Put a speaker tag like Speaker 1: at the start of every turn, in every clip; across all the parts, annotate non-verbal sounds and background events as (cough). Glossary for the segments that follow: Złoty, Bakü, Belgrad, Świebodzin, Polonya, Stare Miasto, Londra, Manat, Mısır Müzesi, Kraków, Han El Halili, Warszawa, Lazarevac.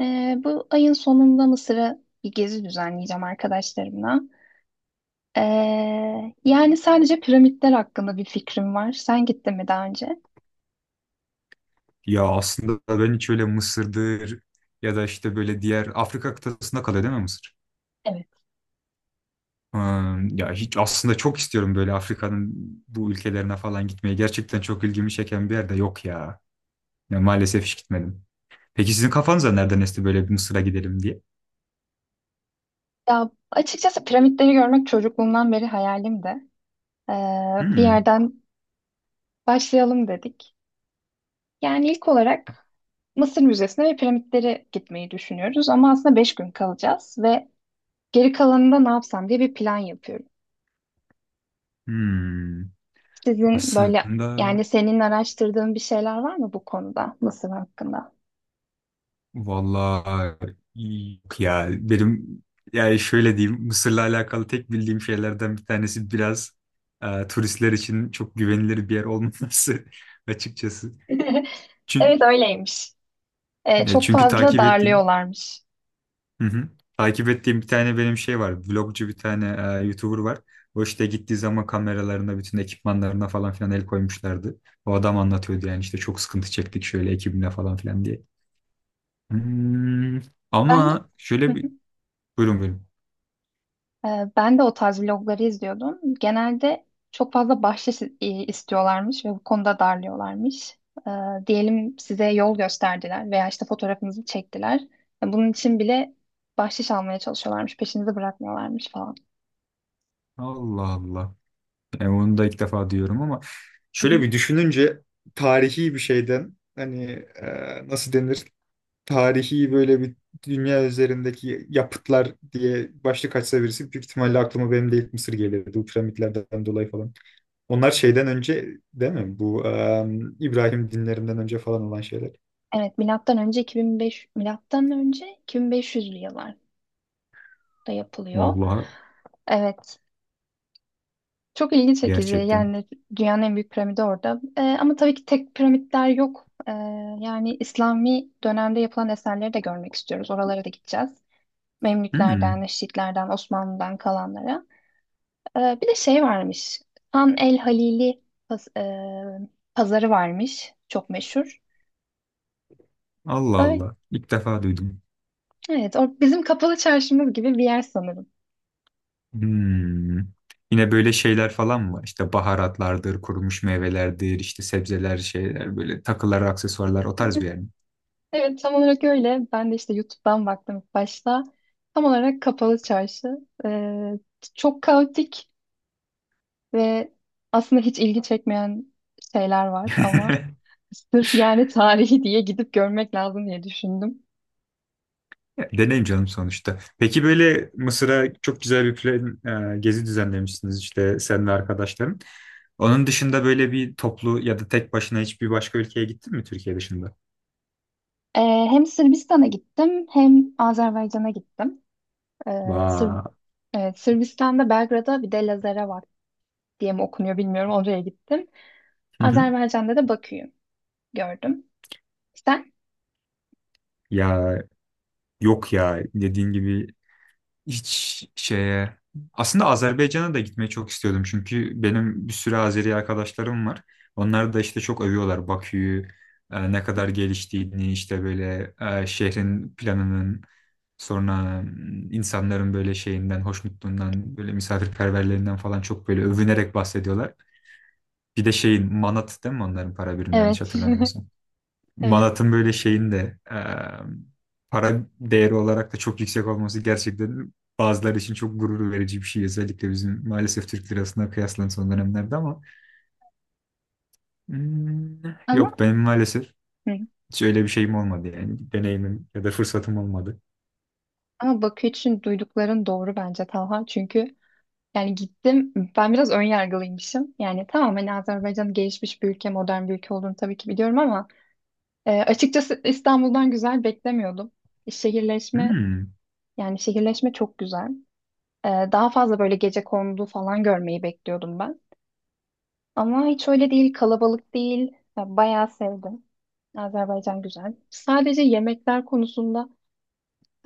Speaker 1: Bu ayın sonunda Mısır'a bir gezi düzenleyeceğim arkadaşlarımla. Yani sadece piramitler hakkında bir fikrim var. Sen gittin mi daha önce?
Speaker 2: Ya aslında ben hiç öyle Mısır'dır ya da işte böyle diğer Afrika kıtasında kalıyor değil mi Mısır?
Speaker 1: Evet.
Speaker 2: Ya hiç aslında çok istiyorum böyle Afrika'nın bu ülkelerine falan gitmeye. Gerçekten çok ilgimi çeken bir yerde yok ya. Ya maalesef hiç gitmedim. Peki sizin kafanıza nereden esti böyle bir Mısır'a gidelim diye?
Speaker 1: Ya açıkçası piramitleri görmek çocukluğumdan beri hayalimdi. Ee, Bir
Speaker 2: Hmm,
Speaker 1: yerden başlayalım dedik. Yani ilk olarak Mısır Müzesi'ne ve piramitleri gitmeyi düşünüyoruz. Ama aslında beş gün kalacağız ve geri kalanında ne yapsam diye bir plan yapıyoruz.
Speaker 2: hmm.
Speaker 1: Sizin böyle,
Speaker 2: Aslında
Speaker 1: yani senin araştırdığın bir şeyler var mı bu konuda Mısır hakkında?
Speaker 2: vallahi yok ya benim, yani şöyle diyeyim, Mısır'la alakalı tek bildiğim şeylerden bir tanesi biraz turistler için çok güvenilir bir yer olmaması (laughs) açıkçası.
Speaker 1: (laughs)
Speaker 2: Çünkü,
Speaker 1: Evet, öyleymiş. Çok
Speaker 2: çünkü
Speaker 1: fazla
Speaker 2: takip ettiğim
Speaker 1: darlıyorlarmış.
Speaker 2: Hı hı. Takip ettiğim bir tane benim şey var. Vlogcu bir tane YouTuber var. O işte gittiği zaman kameralarına, bütün ekipmanlarına falan filan el koymuşlardı. O adam anlatıyordu, yani işte çok sıkıntı çektik şöyle ekibimle falan filan diye. Hmm,
Speaker 1: Ben de.
Speaker 2: ama
Speaker 1: Hı
Speaker 2: şöyle bir.
Speaker 1: hı.
Speaker 2: Buyurun buyurun.
Speaker 1: Ben de o tarz vlogları izliyordum. Genelde çok fazla bahşiş istiyorlarmış ve bu konuda darlıyorlarmış. Ee, Diyelim size yol gösterdiler veya işte fotoğrafınızı çektiler. Bunun için bile bahşiş almaya çalışıyorlarmış, peşinizi bırakmıyorlarmış falan.
Speaker 2: Allah Allah. Yani onu da ilk defa diyorum ama şöyle bir düşününce, tarihi bir şeyden, hani nasıl denir? Tarihi böyle bir dünya üzerindeki yapıtlar diye başlık açsa birisi, büyük ihtimalle aklıma benim de ilk Mısır gelirdi. Bu piramitlerden dolayı falan. Onlar şeyden önce değil mi? Bu İbrahim dinlerinden önce falan olan şeyler.
Speaker 1: Evet, milattan önce 2005, milattan önce 2500'lü yıllarda yapılıyor.
Speaker 2: Vallahi
Speaker 1: Evet. Çok ilginç çekici.
Speaker 2: gerçekten.
Speaker 1: Yani dünyanın en büyük piramidi orada. Ama tabii ki tek piramitler yok. Yani İslami dönemde yapılan eserleri de görmek istiyoruz. Oralara da gideceğiz. Memlüklerden,
Speaker 2: Hmm.
Speaker 1: Neşitlerden, Osmanlı'dan kalanlara. Bir de şey varmış. Han El Halili paz- e, pazarı varmış. Çok meşhur.
Speaker 2: Allah
Speaker 1: Öyle.
Speaker 2: Allah. İlk defa duydum.
Speaker 1: Evet, o bizim kapalı çarşımız gibi bir yer sanırım.
Speaker 2: Hmm. Yine böyle şeyler falan mı var? İşte baharatlardır, kurumuş meyvelerdir, işte sebzeler, şeyler, böyle takılar, aksesuarlar, o tarz bir yer mi?
Speaker 1: Evet, tam olarak öyle. Ben de işte YouTube'dan baktım ilk başta. Tam olarak kapalı çarşı. Ee, Çok kaotik ve aslında hiç ilgi çekmeyen şeyler var ama
Speaker 2: (laughs)
Speaker 1: sırf yani tarihi diye gidip görmek lazım diye düşündüm.
Speaker 2: Ya, deneyim canım sonuçta. Peki böyle Mısır'a çok güzel bir plan, gezi düzenlemişsiniz işte sen ve arkadaşların. Onun dışında böyle bir toplu ya da tek başına hiçbir başka ülkeye gittin mi Türkiye dışında?
Speaker 1: Ee, Hem Sırbistan'a gittim hem Azerbaycan'a gittim. Sır
Speaker 2: Vay.
Speaker 1: evet, Sırbistan'da Belgrad'a bir de Lazarevac diye mi okunuyor bilmiyorum, oraya gittim.
Speaker 2: Hı hı.
Speaker 1: Azerbaycan'da da Bakü'yü gördüm. Sen?
Speaker 2: Ya, yok ya, dediğin gibi. Hiç şeye, aslında Azerbaycan'a da gitmeyi çok istiyordum çünkü benim bir sürü Azeri arkadaşlarım var. Onlar da işte çok övüyorlar Bakü'yü, ne kadar geliştiğini, işte böyle şehrin planının, sonra insanların böyle şeyinden, hoşnutluğundan, böyle misafirperverlerinden falan çok böyle övünerek bahsediyorlar. Bir de şeyin Manat değil mi onların para birimi, yanlış
Speaker 1: Evet.
Speaker 2: hatırlamıyorsam.
Speaker 1: (laughs) Evet.
Speaker 2: Manat'ın böyle şeyin de para değeri olarak da çok yüksek olması gerçekten bazıları için çok gurur verici bir şey. Özellikle bizim maalesef Türk lirasına kıyaslan son dönemlerde ama hmm,
Speaker 1: Ama
Speaker 2: yok, benim maalesef
Speaker 1: hı.
Speaker 2: hiç öyle bir şeyim olmadı yani. Deneyimim ya da fırsatım olmadı.
Speaker 1: Ama Bakü için duydukların doğru bence Talha. Çünkü yani gittim, ben biraz ön yargılıymışım. Yani tamam, hani Azerbaycan gelişmiş bir ülke, modern bir ülke olduğunu tabii ki biliyorum ama açıkçası İstanbul'dan güzel beklemiyordum. Şehirleşme
Speaker 2: Hmm,
Speaker 1: Yani şehirleşme çok güzel. Daha fazla böyle gecekondu falan görmeyi bekliyordum ben. Ama hiç öyle değil, kalabalık değil. Ya, bayağı sevdim. Azerbaycan güzel. Sadece yemekler konusunda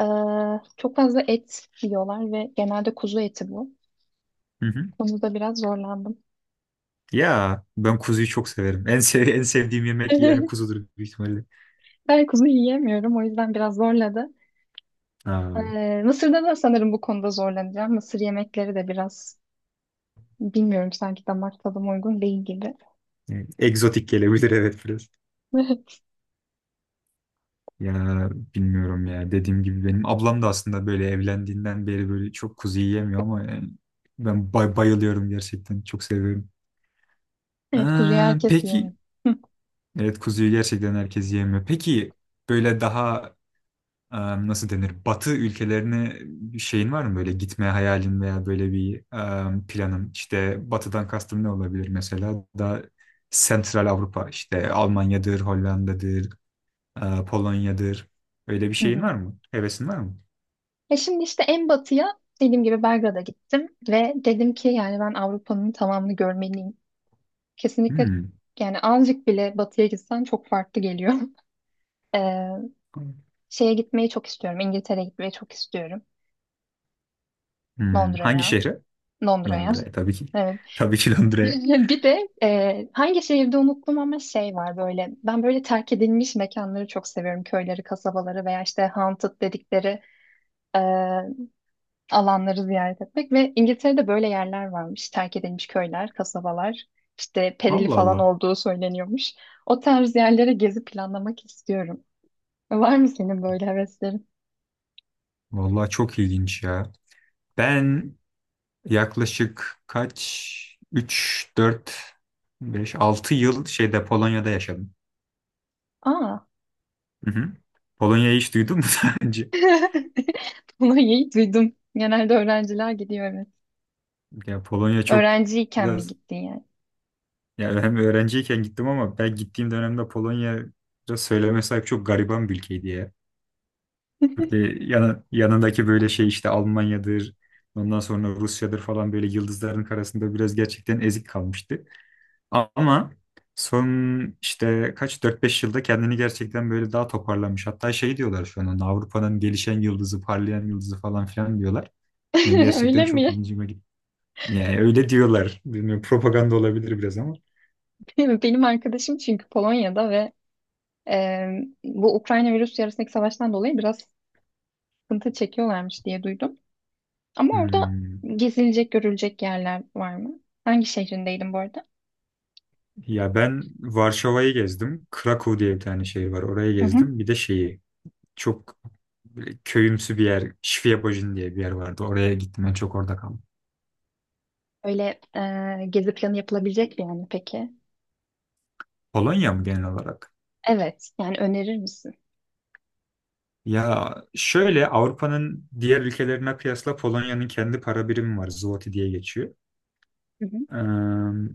Speaker 1: çok fazla et yiyorlar ve genelde kuzu eti bu.
Speaker 2: Hı hı.
Speaker 1: Konuda biraz zorlandım.
Speaker 2: Ya ben kuzuyu çok severim. En sevdiğim yemek yani
Speaker 1: (laughs)
Speaker 2: kuzudur büyük ihtimalle.
Speaker 1: Ben kuzu yiyemiyorum, o yüzden biraz zorladı.
Speaker 2: Aa,
Speaker 1: Mısır'da da sanırım bu konuda zorlanacağım. Mısır yemekleri de biraz bilmiyorum, sanki damak tadıma uygun değil gibi.
Speaker 2: evet. Egzotik gelebilir, evet, biraz.
Speaker 1: (laughs)
Speaker 2: Ya, bilmiyorum ya. Dediğim gibi, benim ablam da aslında böyle evlendiğinden beri böyle çok kuzu yiyemiyor ama yani ben bayılıyorum gerçekten. Çok seviyorum.
Speaker 1: Evet, kuzuyu
Speaker 2: Ee,
Speaker 1: herkes yiyemiyor.
Speaker 2: peki evet, kuzuyu gerçekten herkes yiyemiyor. Peki böyle daha e, nasıl denir? Batı ülkelerine bir şeyin var mı, böyle gitme hayalin veya böyle bir planın? İşte batıdan kastım ne olabilir mesela? Daha Sentral Avrupa, işte Almanya'dır, Hollanda'dır, Polonya'dır. Öyle bir şeyin var
Speaker 1: (laughs)
Speaker 2: mı? Hevesin var mı?
Speaker 1: E şimdi işte en batıya dediğim gibi Belgrad'a gittim ve dedim ki yani ben Avrupa'nın tamamını görmeliyim. Kesinlikle,
Speaker 2: Hmm.
Speaker 1: yani azıcık bile batıya gitsen çok farklı geliyor. (laughs) Ee, Şeye gitmeyi çok istiyorum. İngiltere'ye gitmeyi çok istiyorum.
Speaker 2: Hmm. Hangi
Speaker 1: Londra'ya.
Speaker 2: şehre?
Speaker 1: Londra'ya.
Speaker 2: Londra'ya tabii ki.
Speaker 1: Evet.
Speaker 2: Tabii ki Londra'ya.
Speaker 1: (laughs) Bir de hangi şehirde unuttum ama şey var böyle. Ben böyle terk edilmiş mekanları çok seviyorum. Köyleri, kasabaları veya işte haunted dedikleri e, alanları ziyaret etmek ve İngiltere'de böyle yerler varmış. Terk edilmiş köyler, kasabalar, işte perili
Speaker 2: Allah
Speaker 1: falan
Speaker 2: Allah.
Speaker 1: olduğu söyleniyormuş. O tarz yerlere gezi planlamak istiyorum. Var mı senin böyle heveslerin?
Speaker 2: Vallahi çok ilginç ya. Ben yaklaşık kaç? Üç 4 5 6 yıl şeyde, Polonya'da yaşadım.
Speaker 1: Aa.
Speaker 2: Hı hı. Polonya'yı hiç duydun mu (laughs) daha önce?
Speaker 1: (laughs) Bunu iyi duydum. Genelde öğrenciler gidiyor, evet.
Speaker 2: Ya, Polonya çok
Speaker 1: Öğrenciyken bir
Speaker 2: biraz,
Speaker 1: gittin yani.
Speaker 2: yani hem öğrenciyken gittim ama ben gittiğim dönemde Polonya biraz söyleme sahip çok gariban bir ülkeydi ya. Böyle yanındaki böyle şey, işte Almanya'dır, ondan sonra Rusya'dır falan, böyle yıldızların arasında biraz gerçekten ezik kalmıştı. Ama son işte kaç dört beş yılda kendini gerçekten böyle daha toparlamış. Hatta şey diyorlar şu an ona, Avrupa'nın gelişen yıldızı, parlayan yıldızı falan filan diyorlar. Yani
Speaker 1: (laughs)
Speaker 2: gerçekten
Speaker 1: Öyle
Speaker 2: çok
Speaker 1: mi?
Speaker 2: ilginçime gitti. Yani öyle diyorlar. Bilmiyorum, propaganda olabilir biraz ama.
Speaker 1: (laughs) Benim arkadaşım çünkü Polonya'da ve e, bu Ukrayna ve Rusya arasındaki savaştan dolayı biraz sıkıntı çekiyorlarmış diye duydum. Ama orada
Speaker 2: Hmm.
Speaker 1: gezilecek, görülecek yerler var mı? Hangi şehrindeydin bu arada?
Speaker 2: Ya ben Varşova'yı gezdim. Krakow diye bir tane şehir var. Orayı
Speaker 1: Hı hı.
Speaker 2: gezdim. Bir de şeyi, çok köyümsü bir yer, Świebodzin diye bir yer vardı, oraya gittim. Ben çok orada kaldım.
Speaker 1: Öyle gezi planı yapılabilecek bir yer mi peki?
Speaker 2: Polonya mı genel olarak?
Speaker 1: Evet, yani önerir misin?
Speaker 2: Ya şöyle, Avrupa'nın diğer ülkelerine kıyasla Polonya'nın kendi para birimi var. Zloty diye geçiyor.
Speaker 1: Hı hı.
Speaker 2: Ee,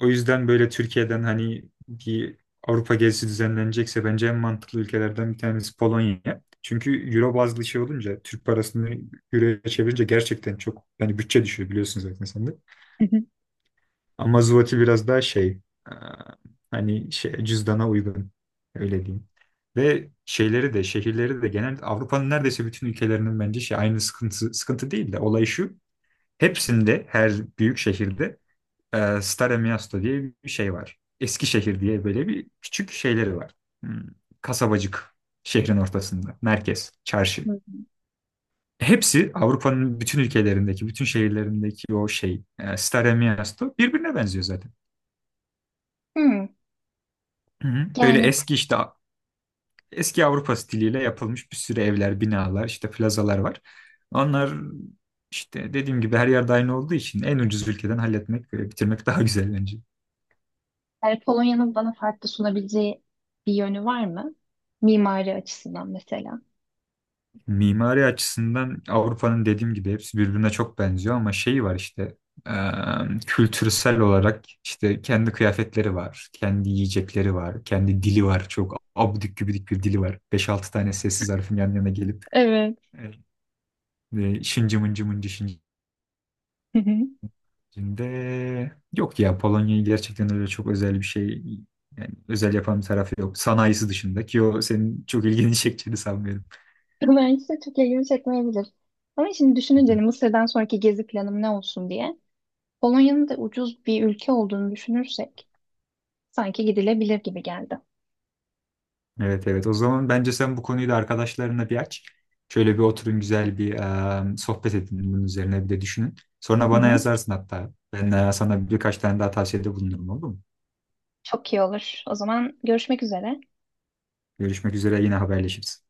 Speaker 2: o yüzden böyle Türkiye'den hani bir Avrupa gezisi düzenlenecekse bence en mantıklı ülkelerden bir tanesi Polonya. Çünkü euro bazlı şey olunca Türk parasını euroya çevirince gerçekten çok, yani bütçe düşüyor, biliyorsun zaten sen de.
Speaker 1: Hı hı.
Speaker 2: Ama Zloty biraz daha şey, e, hani şey, cüzdana uygun, öyle diyeyim. Ve şeyleri de, şehirleri de genel Avrupa'nın neredeyse bütün ülkelerinin bence şey aynı, sıkıntı sıkıntı değil de, olay şu. Hepsinde, her büyük şehirde Stare Miasto diye bir şey var. Eskişehir diye böyle bir küçük şeyleri var. Hmm, kasabacık şehrin ortasında, merkez çarşı.
Speaker 1: Hı.
Speaker 2: Hepsi Avrupa'nın bütün ülkelerindeki, bütün şehirlerindeki o şey, Stare Miasto birbirine benziyor zaten.
Speaker 1: Hmm.
Speaker 2: Hı hı. Böyle
Speaker 1: Yani,
Speaker 2: eski, işte eski Avrupa stiliyle yapılmış bir sürü evler, binalar, işte plazalar var. Onlar işte dediğim gibi her yerde aynı olduğu için en ucuz ülkeden halletmek ve bitirmek daha güzel bence.
Speaker 1: yani Polonya'nın bana farklı sunabileceği bir yönü var mı? Mimari açısından mesela.
Speaker 2: Mimari açısından Avrupa'nın dediğim gibi hepsi birbirine çok benziyor ama şeyi var işte, e, kültürsel olarak, işte kendi kıyafetleri var, kendi yiyecekleri var, kendi dili var. Çok abidik gübidik bir dili var. Beş altı tane sessiz harfin yan yana gelip
Speaker 1: Evet.
Speaker 2: e, şıncı mıncı mıncı şıncı.
Speaker 1: Hı hı.
Speaker 2: Şimdi, yok ya, Polonya'yı gerçekten öyle çok özel bir şey, yani özel yapan bir tarafı yok. Sanayisi dışında, ki o senin çok ilgini (laughs) çekeceğini sanmıyorum.
Speaker 1: Belki de çok ilgimi çekmeyebilir. Ama şimdi düşününce
Speaker 2: Hı.
Speaker 1: hani Mısır'dan sonraki gezi planım ne olsun diye, Polonya'nın da ucuz bir ülke olduğunu düşünürsek sanki gidilebilir gibi geldi.
Speaker 2: Evet evet, o zaman bence sen bu konuyu da arkadaşlarına bir aç. Şöyle bir oturun, güzel bir sohbet edin, bunun üzerine bir de düşünün. Sonra
Speaker 1: Hı
Speaker 2: bana
Speaker 1: hı.
Speaker 2: yazarsın hatta. Ben sana birkaç tane daha tavsiyede bulunurum, olur mu?
Speaker 1: Çok iyi olur. O zaman görüşmek üzere.
Speaker 2: Görüşmek üzere, yine haberleşiriz.